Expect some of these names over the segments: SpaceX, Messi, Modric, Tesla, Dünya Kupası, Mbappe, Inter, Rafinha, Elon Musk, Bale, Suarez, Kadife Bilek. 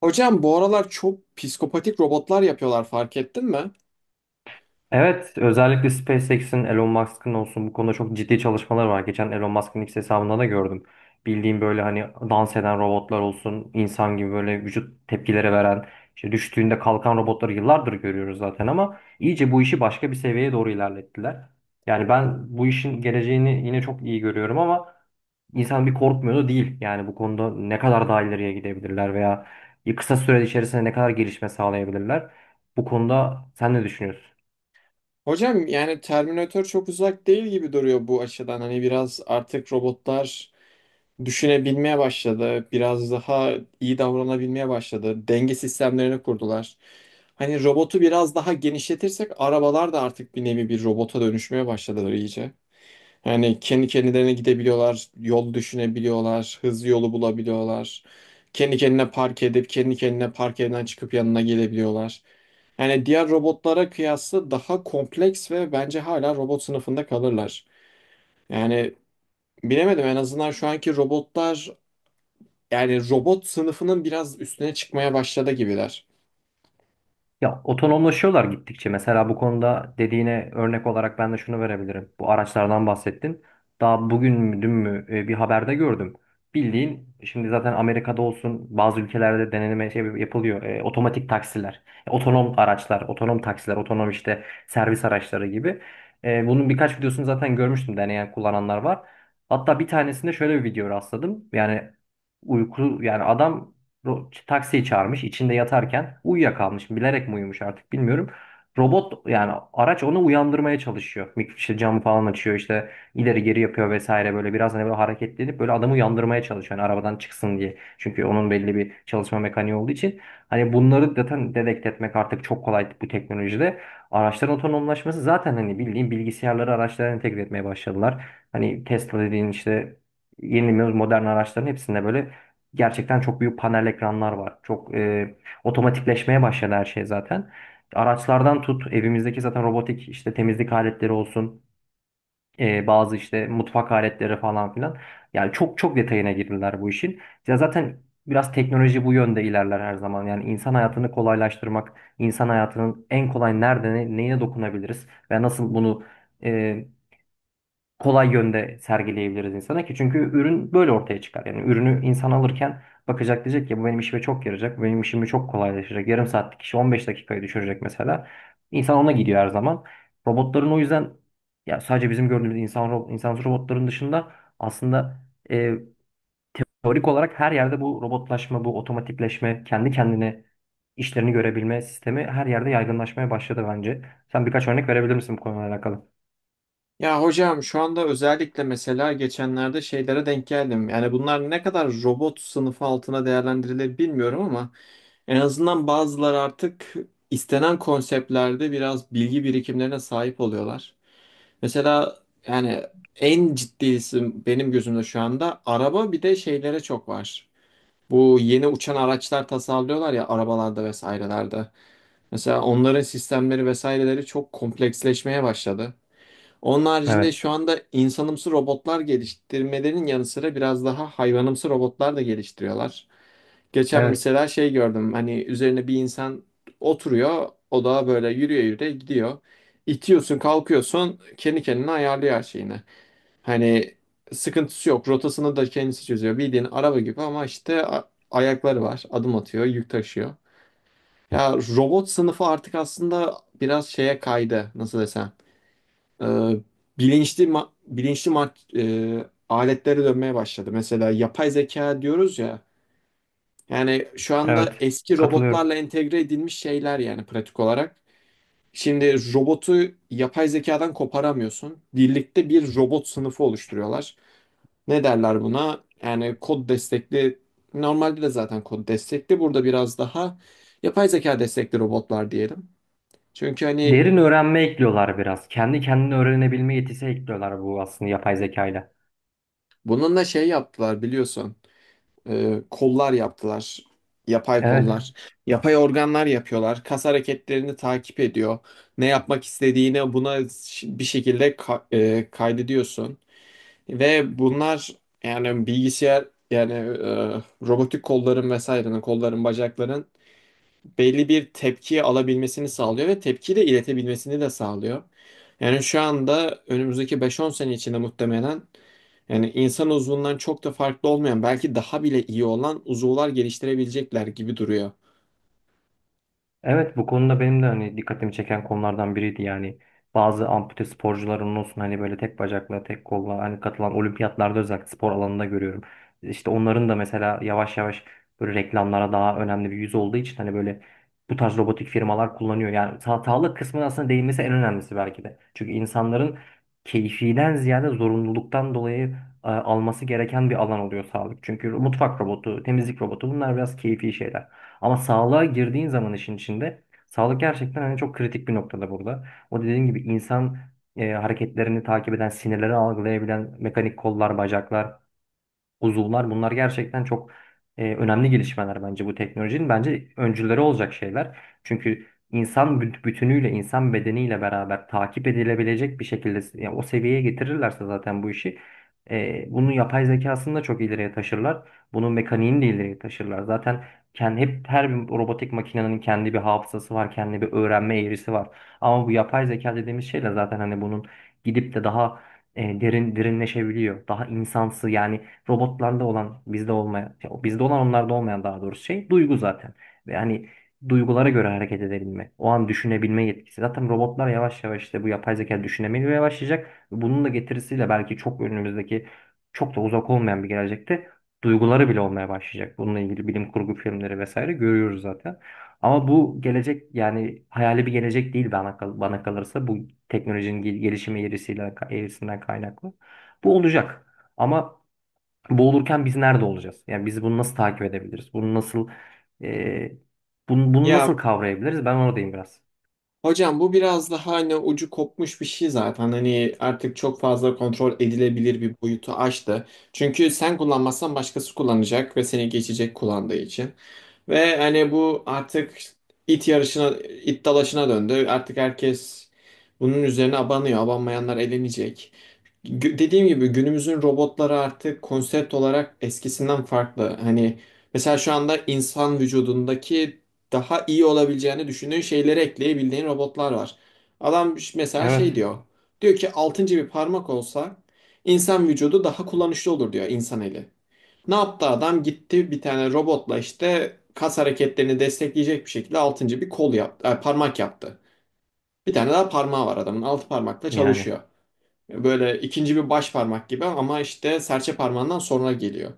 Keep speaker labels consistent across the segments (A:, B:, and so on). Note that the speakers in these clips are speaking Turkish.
A: Hocam bu aralar çok psikopatik robotlar yapıyorlar, fark ettin mi?
B: Evet, özellikle SpaceX'in, Elon Musk'ın olsun bu konuda çok ciddi çalışmalar var. Geçen Elon Musk'ın X hesabında da gördüm. Bildiğim böyle hani dans eden robotlar olsun, insan gibi böyle vücut tepkileri veren, işte düştüğünde kalkan robotları yıllardır görüyoruz zaten ama iyice bu işi başka bir seviyeye doğru ilerlettiler. Yani ben bu işin geleceğini yine çok iyi görüyorum ama insan bir korkmuyor da değil. Yani bu konuda ne kadar daha ileriye gidebilirler veya kısa süre içerisinde ne kadar gelişme sağlayabilirler. Bu konuda sen ne düşünüyorsun?
A: Hocam yani Terminator çok uzak değil gibi duruyor bu açıdan. Hani biraz artık robotlar düşünebilmeye başladı. Biraz daha iyi davranabilmeye başladı. Denge sistemlerini kurdular. Hani robotu biraz daha genişletirsek arabalar da artık bir nevi bir robota dönüşmeye başladılar iyice. Yani kendi kendilerine gidebiliyorlar, yol düşünebiliyorlar, hızlı yolu bulabiliyorlar. Kendi kendine park edip kendi kendine park yerinden çıkıp yanına gelebiliyorlar. Yani diğer robotlara kıyasla daha kompleks ve bence hala robot sınıfında kalırlar. Yani bilemedim, en azından şu anki robotlar yani robot sınıfının biraz üstüne çıkmaya başladı gibiler.
B: Ya otonomlaşıyorlar gittikçe. Mesela bu konuda dediğine örnek olarak ben de şunu verebilirim. Bu araçlardan bahsettin. Daha bugün mü dün mü bir haberde gördüm. Bildiğin şimdi zaten Amerika'da olsun bazı ülkelerde deneneme şey yapılıyor. Otomatik taksiler, otonom araçlar, otonom taksiler, otonom işte servis araçları gibi. Bunun birkaç videosunu zaten görmüştüm, deneyen kullananlar var. Hatta bir tanesinde şöyle bir video rastladım. Yani uyku yani adam taksiyi çağırmış, içinde yatarken uyuyakalmış, bilerek mi uyumuş artık bilmiyorum. Robot yani araç onu uyandırmaya çalışıyor. İşte camı falan açıyor, işte ileri geri yapıyor vesaire, böyle biraz hani böyle hareketlenip böyle adamı uyandırmaya çalışıyor. Yani arabadan çıksın diye. Çünkü onun belli bir çalışma mekaniği olduğu için hani bunları zaten dedekt etmek artık çok kolay bu teknolojide. Araçların otonomlaşması zaten hani bildiğin bilgisayarları araçlara entegre etmeye başladılar. Hani Tesla dediğin işte yeni modern araçların hepsinde böyle gerçekten çok büyük panel ekranlar var. Çok otomatikleşmeye başladı her şey zaten. Araçlardan tut, evimizdeki zaten robotik işte temizlik aletleri olsun, bazı işte mutfak aletleri falan filan. Yani çok detayına girdiler bu işin. Ya zaten biraz teknoloji bu yönde ilerler her zaman. Yani insan hayatını kolaylaştırmak, insan hayatının en kolay nerede neye dokunabiliriz ve nasıl bunu e, kolay yönde sergileyebiliriz insana ki, çünkü ürün böyle ortaya çıkar. Yani ürünü insan alırken bakacak diyecek ki bu benim işime çok yarayacak, bu benim işimi çok kolaylaştıracak. Yarım saatlik işi 15 dakikaya düşürecek mesela. İnsan ona gidiyor her zaman. Robotların o yüzden ya sadece bizim gördüğümüz insan insansız robotların dışında aslında e, teorik olarak her yerde bu robotlaşma, bu otomatikleşme, kendi kendine işlerini görebilme sistemi her yerde yaygınlaşmaya başladı bence. Sen birkaç örnek verebilir misin bu konuyla alakalı?
A: Ya hocam, şu anda özellikle mesela geçenlerde şeylere denk geldim. Yani bunlar ne kadar robot sınıfı altına değerlendirilir bilmiyorum ama en azından bazıları artık istenen konseptlerde biraz bilgi birikimlerine sahip oluyorlar. Mesela yani en ciddisi benim gözümde şu anda araba, bir de şeylere çok var. Bu yeni uçan araçlar tasarlıyorlar ya, arabalarda vesairelerde. Mesela onların sistemleri vesaireleri çok kompleksleşmeye başladı. Onun haricinde
B: Evet.
A: şu anda insanımsı robotlar geliştirmelerin yanı sıra biraz daha hayvanımsı robotlar da geliştiriyorlar. Geçen
B: Evet.
A: mesela şey gördüm, hani üzerine bir insan oturuyor, o da böyle yürüye yürüye gidiyor. İtiyorsun kalkıyorsun, kendi kendine ayarlıyor her şeyini. Hani sıkıntısı yok, rotasını da kendisi çözüyor bildiğin araba gibi ama işte ayakları var, adım atıyor, yük taşıyor. Ya robot sınıfı artık aslında biraz şeye kaydı, nasıl desem, e, bilinçli aletlere dönmeye başladı. Mesela yapay zeka diyoruz ya. Yani şu anda
B: Evet,
A: eski
B: katılıyorum.
A: robotlarla entegre edilmiş şeyler, yani pratik olarak. Şimdi robotu yapay zekadan koparamıyorsun. Birlikte bir robot sınıfı oluşturuyorlar. Ne derler buna? Yani kod destekli, normalde de zaten kod destekli. Burada biraz daha yapay zeka destekli robotlar diyelim. Çünkü hani
B: Derin öğrenme ekliyorlar biraz. Kendi kendine öğrenebilme yetisi ekliyorlar, bu aslında yapay zekayla.
A: bununla şey yaptılar biliyorsun. Kollar yaptılar. Yapay
B: Evet.
A: kollar. Yapay organlar yapıyorlar. Kas hareketlerini takip ediyor. Ne yapmak istediğini buna bir şekilde kaydediyorsun. Ve bunlar yani yani e, robotik kolların, vesairenin, kolların, bacakların belli bir tepki alabilmesini sağlıyor ve tepki de iletebilmesini de sağlıyor. Yani şu anda önümüzdeki 5-10 sene içinde muhtemelen yani insan uzvundan çok da farklı olmayan, belki daha bile iyi olan uzuvlar geliştirebilecekler gibi duruyor.
B: Evet, bu konuda benim de hani dikkatimi çeken konulardan biriydi. Yani bazı ampute sporcuların olsun, hani böyle tek bacakla tek kolla hani katılan olimpiyatlarda, özellikle spor alanında görüyorum. İşte onların da mesela yavaş yavaş böyle reklamlara daha önemli bir yüz olduğu için hani böyle bu tarz robotik firmalar kullanıyor. Yani sa sağlık kısmına aslında değinmesi en önemlisi belki de. Çünkü insanların keyfiden ziyade zorunluluktan dolayı alması gereken bir alan oluyor sağlık. Çünkü mutfak robotu, temizlik robotu bunlar biraz keyfi şeyler. Ama sağlığa girdiğin zaman işin içinde sağlık gerçekten hani çok kritik bir noktada burada. O dediğim gibi insan hareketlerini takip eden, sinirleri algılayabilen mekanik kollar, bacaklar, uzuvlar, bunlar gerçekten çok önemli gelişmeler bence bu teknolojinin. Bence öncüleri olacak şeyler. Çünkü insan bütünüyle, insan bedeniyle beraber takip edilebilecek bir şekilde, yani o seviyeye getirirlerse zaten bu işi bunun yapay zekasını da çok ileriye taşırlar. Bunun mekaniğini de ileriye taşırlar. Zaten kendi, hep her bir robotik makinenin kendi bir hafızası var, kendi bir öğrenme eğrisi var. Ama bu yapay zeka dediğimiz şeyle zaten hani bunun gidip de daha derin derinleşebiliyor. Daha insansı yani robotlarda olan bizde olmayan ya bizde olan onlarda olmayan, daha doğrusu şey, duygu zaten. Ve hani duygulara göre hareket edebilme, o an düşünebilme yetkisi. Zaten robotlar yavaş yavaş işte bu yapay zeka düşünemeye başlayacak. Bunun da getirisiyle belki çok önümüzdeki, çok da uzak olmayan bir gelecekte duyguları bile olmaya başlayacak. Bununla ilgili bilim kurgu filmleri vesaire görüyoruz zaten. Ama bu gelecek yani hayali bir gelecek değil bana, bana kalırsa bu teknolojinin gelişimi eğrisiyle, eğrisinden kaynaklı. Bu olacak. Ama boğulurken biz nerede olacağız? Yani biz bunu nasıl takip edebiliriz? Bunu nasıl e, bunu
A: Ya
B: nasıl kavrayabiliriz? Ben oradayım biraz.
A: hocam, bu biraz daha hani ucu kopmuş bir şey zaten. Hani artık çok fazla kontrol edilebilir bir boyutu aştı. Çünkü sen kullanmazsan başkası kullanacak ve seni geçecek kullandığı için. Ve hani bu artık it yarışına, it dalaşına döndü. Artık herkes bunun üzerine abanıyor. Abanmayanlar elenecek. Dediğim gibi günümüzün robotları artık konsept olarak eskisinden farklı. Hani mesela şu anda insan vücudundaki daha iyi olabileceğini düşündüğün şeyleri ekleyebildiğin robotlar var. Adam mesela
B: Evet.
A: şey diyor. Diyor ki altıncı bir parmak olsa insan vücudu daha kullanışlı olur diyor, insan eli. Ne yaptı adam? Gitti bir tane robotla işte kas hareketlerini destekleyecek bir şekilde altıncı bir kol yaptı, parmak yaptı. Bir tane daha parmağı var adamın. Altı parmakla
B: Yani
A: çalışıyor. Böyle ikinci bir baş parmak gibi ama işte serçe parmağından sonra geliyor.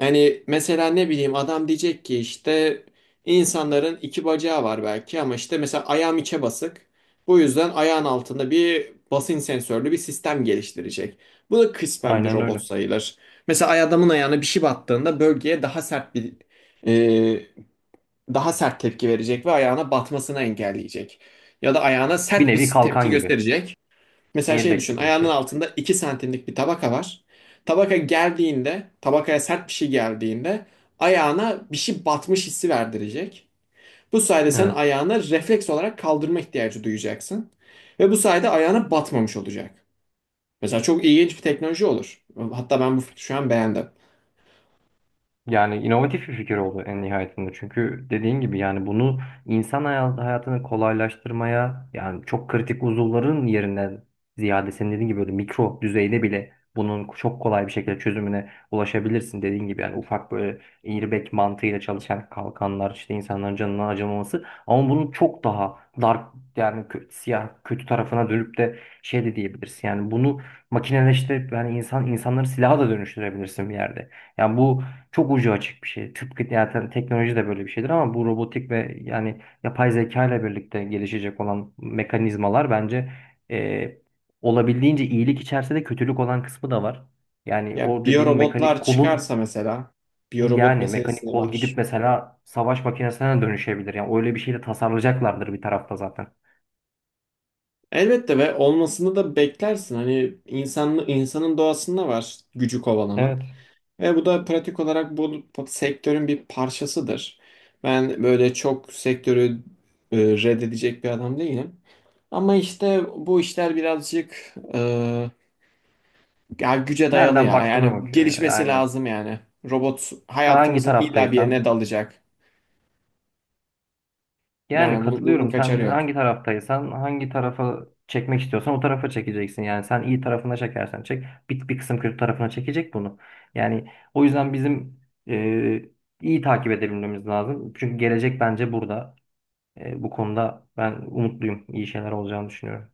A: Yani mesela ne bileyim, adam diyecek ki işte insanların iki bacağı var belki ama işte mesela ayağım içe basık. Bu yüzden ayağın altında bir basınç sensörlü bir sistem geliştirecek. Bu da kısmen bir
B: aynen
A: robot
B: öyle.
A: sayılır. Mesela adamın ayağına bir şey battığında bölgeye e, daha sert tepki verecek ve ayağına batmasını engelleyecek. Ya da ayağına
B: Bir
A: sert bir
B: nevi
A: tepki
B: kalkan gibi.
A: gösterecek. Mesela şey
B: Airbag
A: düşün,
B: gibi bir
A: ayağının
B: şey.
A: altında 2 santimlik bir tabaka var. Tabaka geldiğinde, tabakaya sert bir şey geldiğinde ayağına bir şey batmış hissi verdirecek. Bu sayede sen
B: Evet.
A: ayağını refleks olarak kaldırma ihtiyacı duyacaksın. Ve bu sayede ayağına batmamış olacak. Mesela çok ilginç bir teknoloji olur. Hatta ben bu fikri şu an beğendim.
B: Yani inovatif bir fikir oldu en nihayetinde. Çünkü dediğin gibi yani bunu insan hayatını kolaylaştırmaya, yani çok kritik uzuvların yerinden ziyade senin dediğin gibi böyle mikro düzeyde bile bunun çok kolay bir şekilde çözümüne ulaşabilirsin. Dediğin gibi yani ufak böyle airbag mantığıyla çalışan kalkanlar işte insanların canına acımaması, ama bunun çok daha dark yani siyah kötü tarafına dönüp de şey de diyebilirsin. Yani bunu makineleştirip yani insanları silaha da dönüştürebilirsin bir yerde. Yani bu çok ucu açık bir şey. Tıpkı zaten teknoloji de böyle bir şeydir, ama bu robotik ve yani yapay zeka ile birlikte gelişecek olan mekanizmalar bence e, olabildiğince iyilik içerse de kötülük olan kısmı da var. Yani
A: Ya
B: o dediğin mekanik
A: biyorobotlar
B: kolun,
A: çıkarsa mesela, biyorobot
B: yani mekanik
A: meselesi
B: kol
A: var.
B: gidip mesela savaş makinesine dönüşebilir. Yani öyle bir şeyle tasarlayacaklardır bir tarafta zaten.
A: Elbette, ve olmasını da beklersin. Hani insan, insanın doğasında var gücü
B: Evet.
A: kovalamak. Ve bu da pratik olarak bu sektörün bir parçasıdır. Ben böyle çok sektörü e, reddedecek bir adam değilim. Ama işte bu işler birazcık, ya güce dayalı
B: Nereden
A: ya.
B: baktığına
A: Yani
B: bakıyor.
A: gelişmesi
B: Aynen.
A: lazım yani. Robot
B: Hangi
A: hayatımızın illa bir
B: taraftaysan,
A: yerine dalacak.
B: yani
A: Yani bunun, bunun
B: katılıyorum. Sen
A: kaçarı yok.
B: hangi taraftaysan, hangi tarafa çekmek istiyorsan o tarafa çekeceksin. Yani sen iyi tarafına çekersen çek, bir kısım kötü tarafına çekecek bunu. Yani o yüzden bizim e, iyi takip edebilmemiz lazım. Çünkü gelecek bence burada. Bu konuda ben umutluyum. İyi şeyler olacağını düşünüyorum.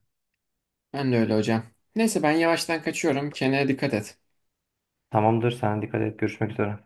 A: Ben de öyle hocam. Neyse ben yavaştan kaçıyorum. Kendine dikkat et.
B: Tamamdır. Sen dikkat et. Görüşmek üzere.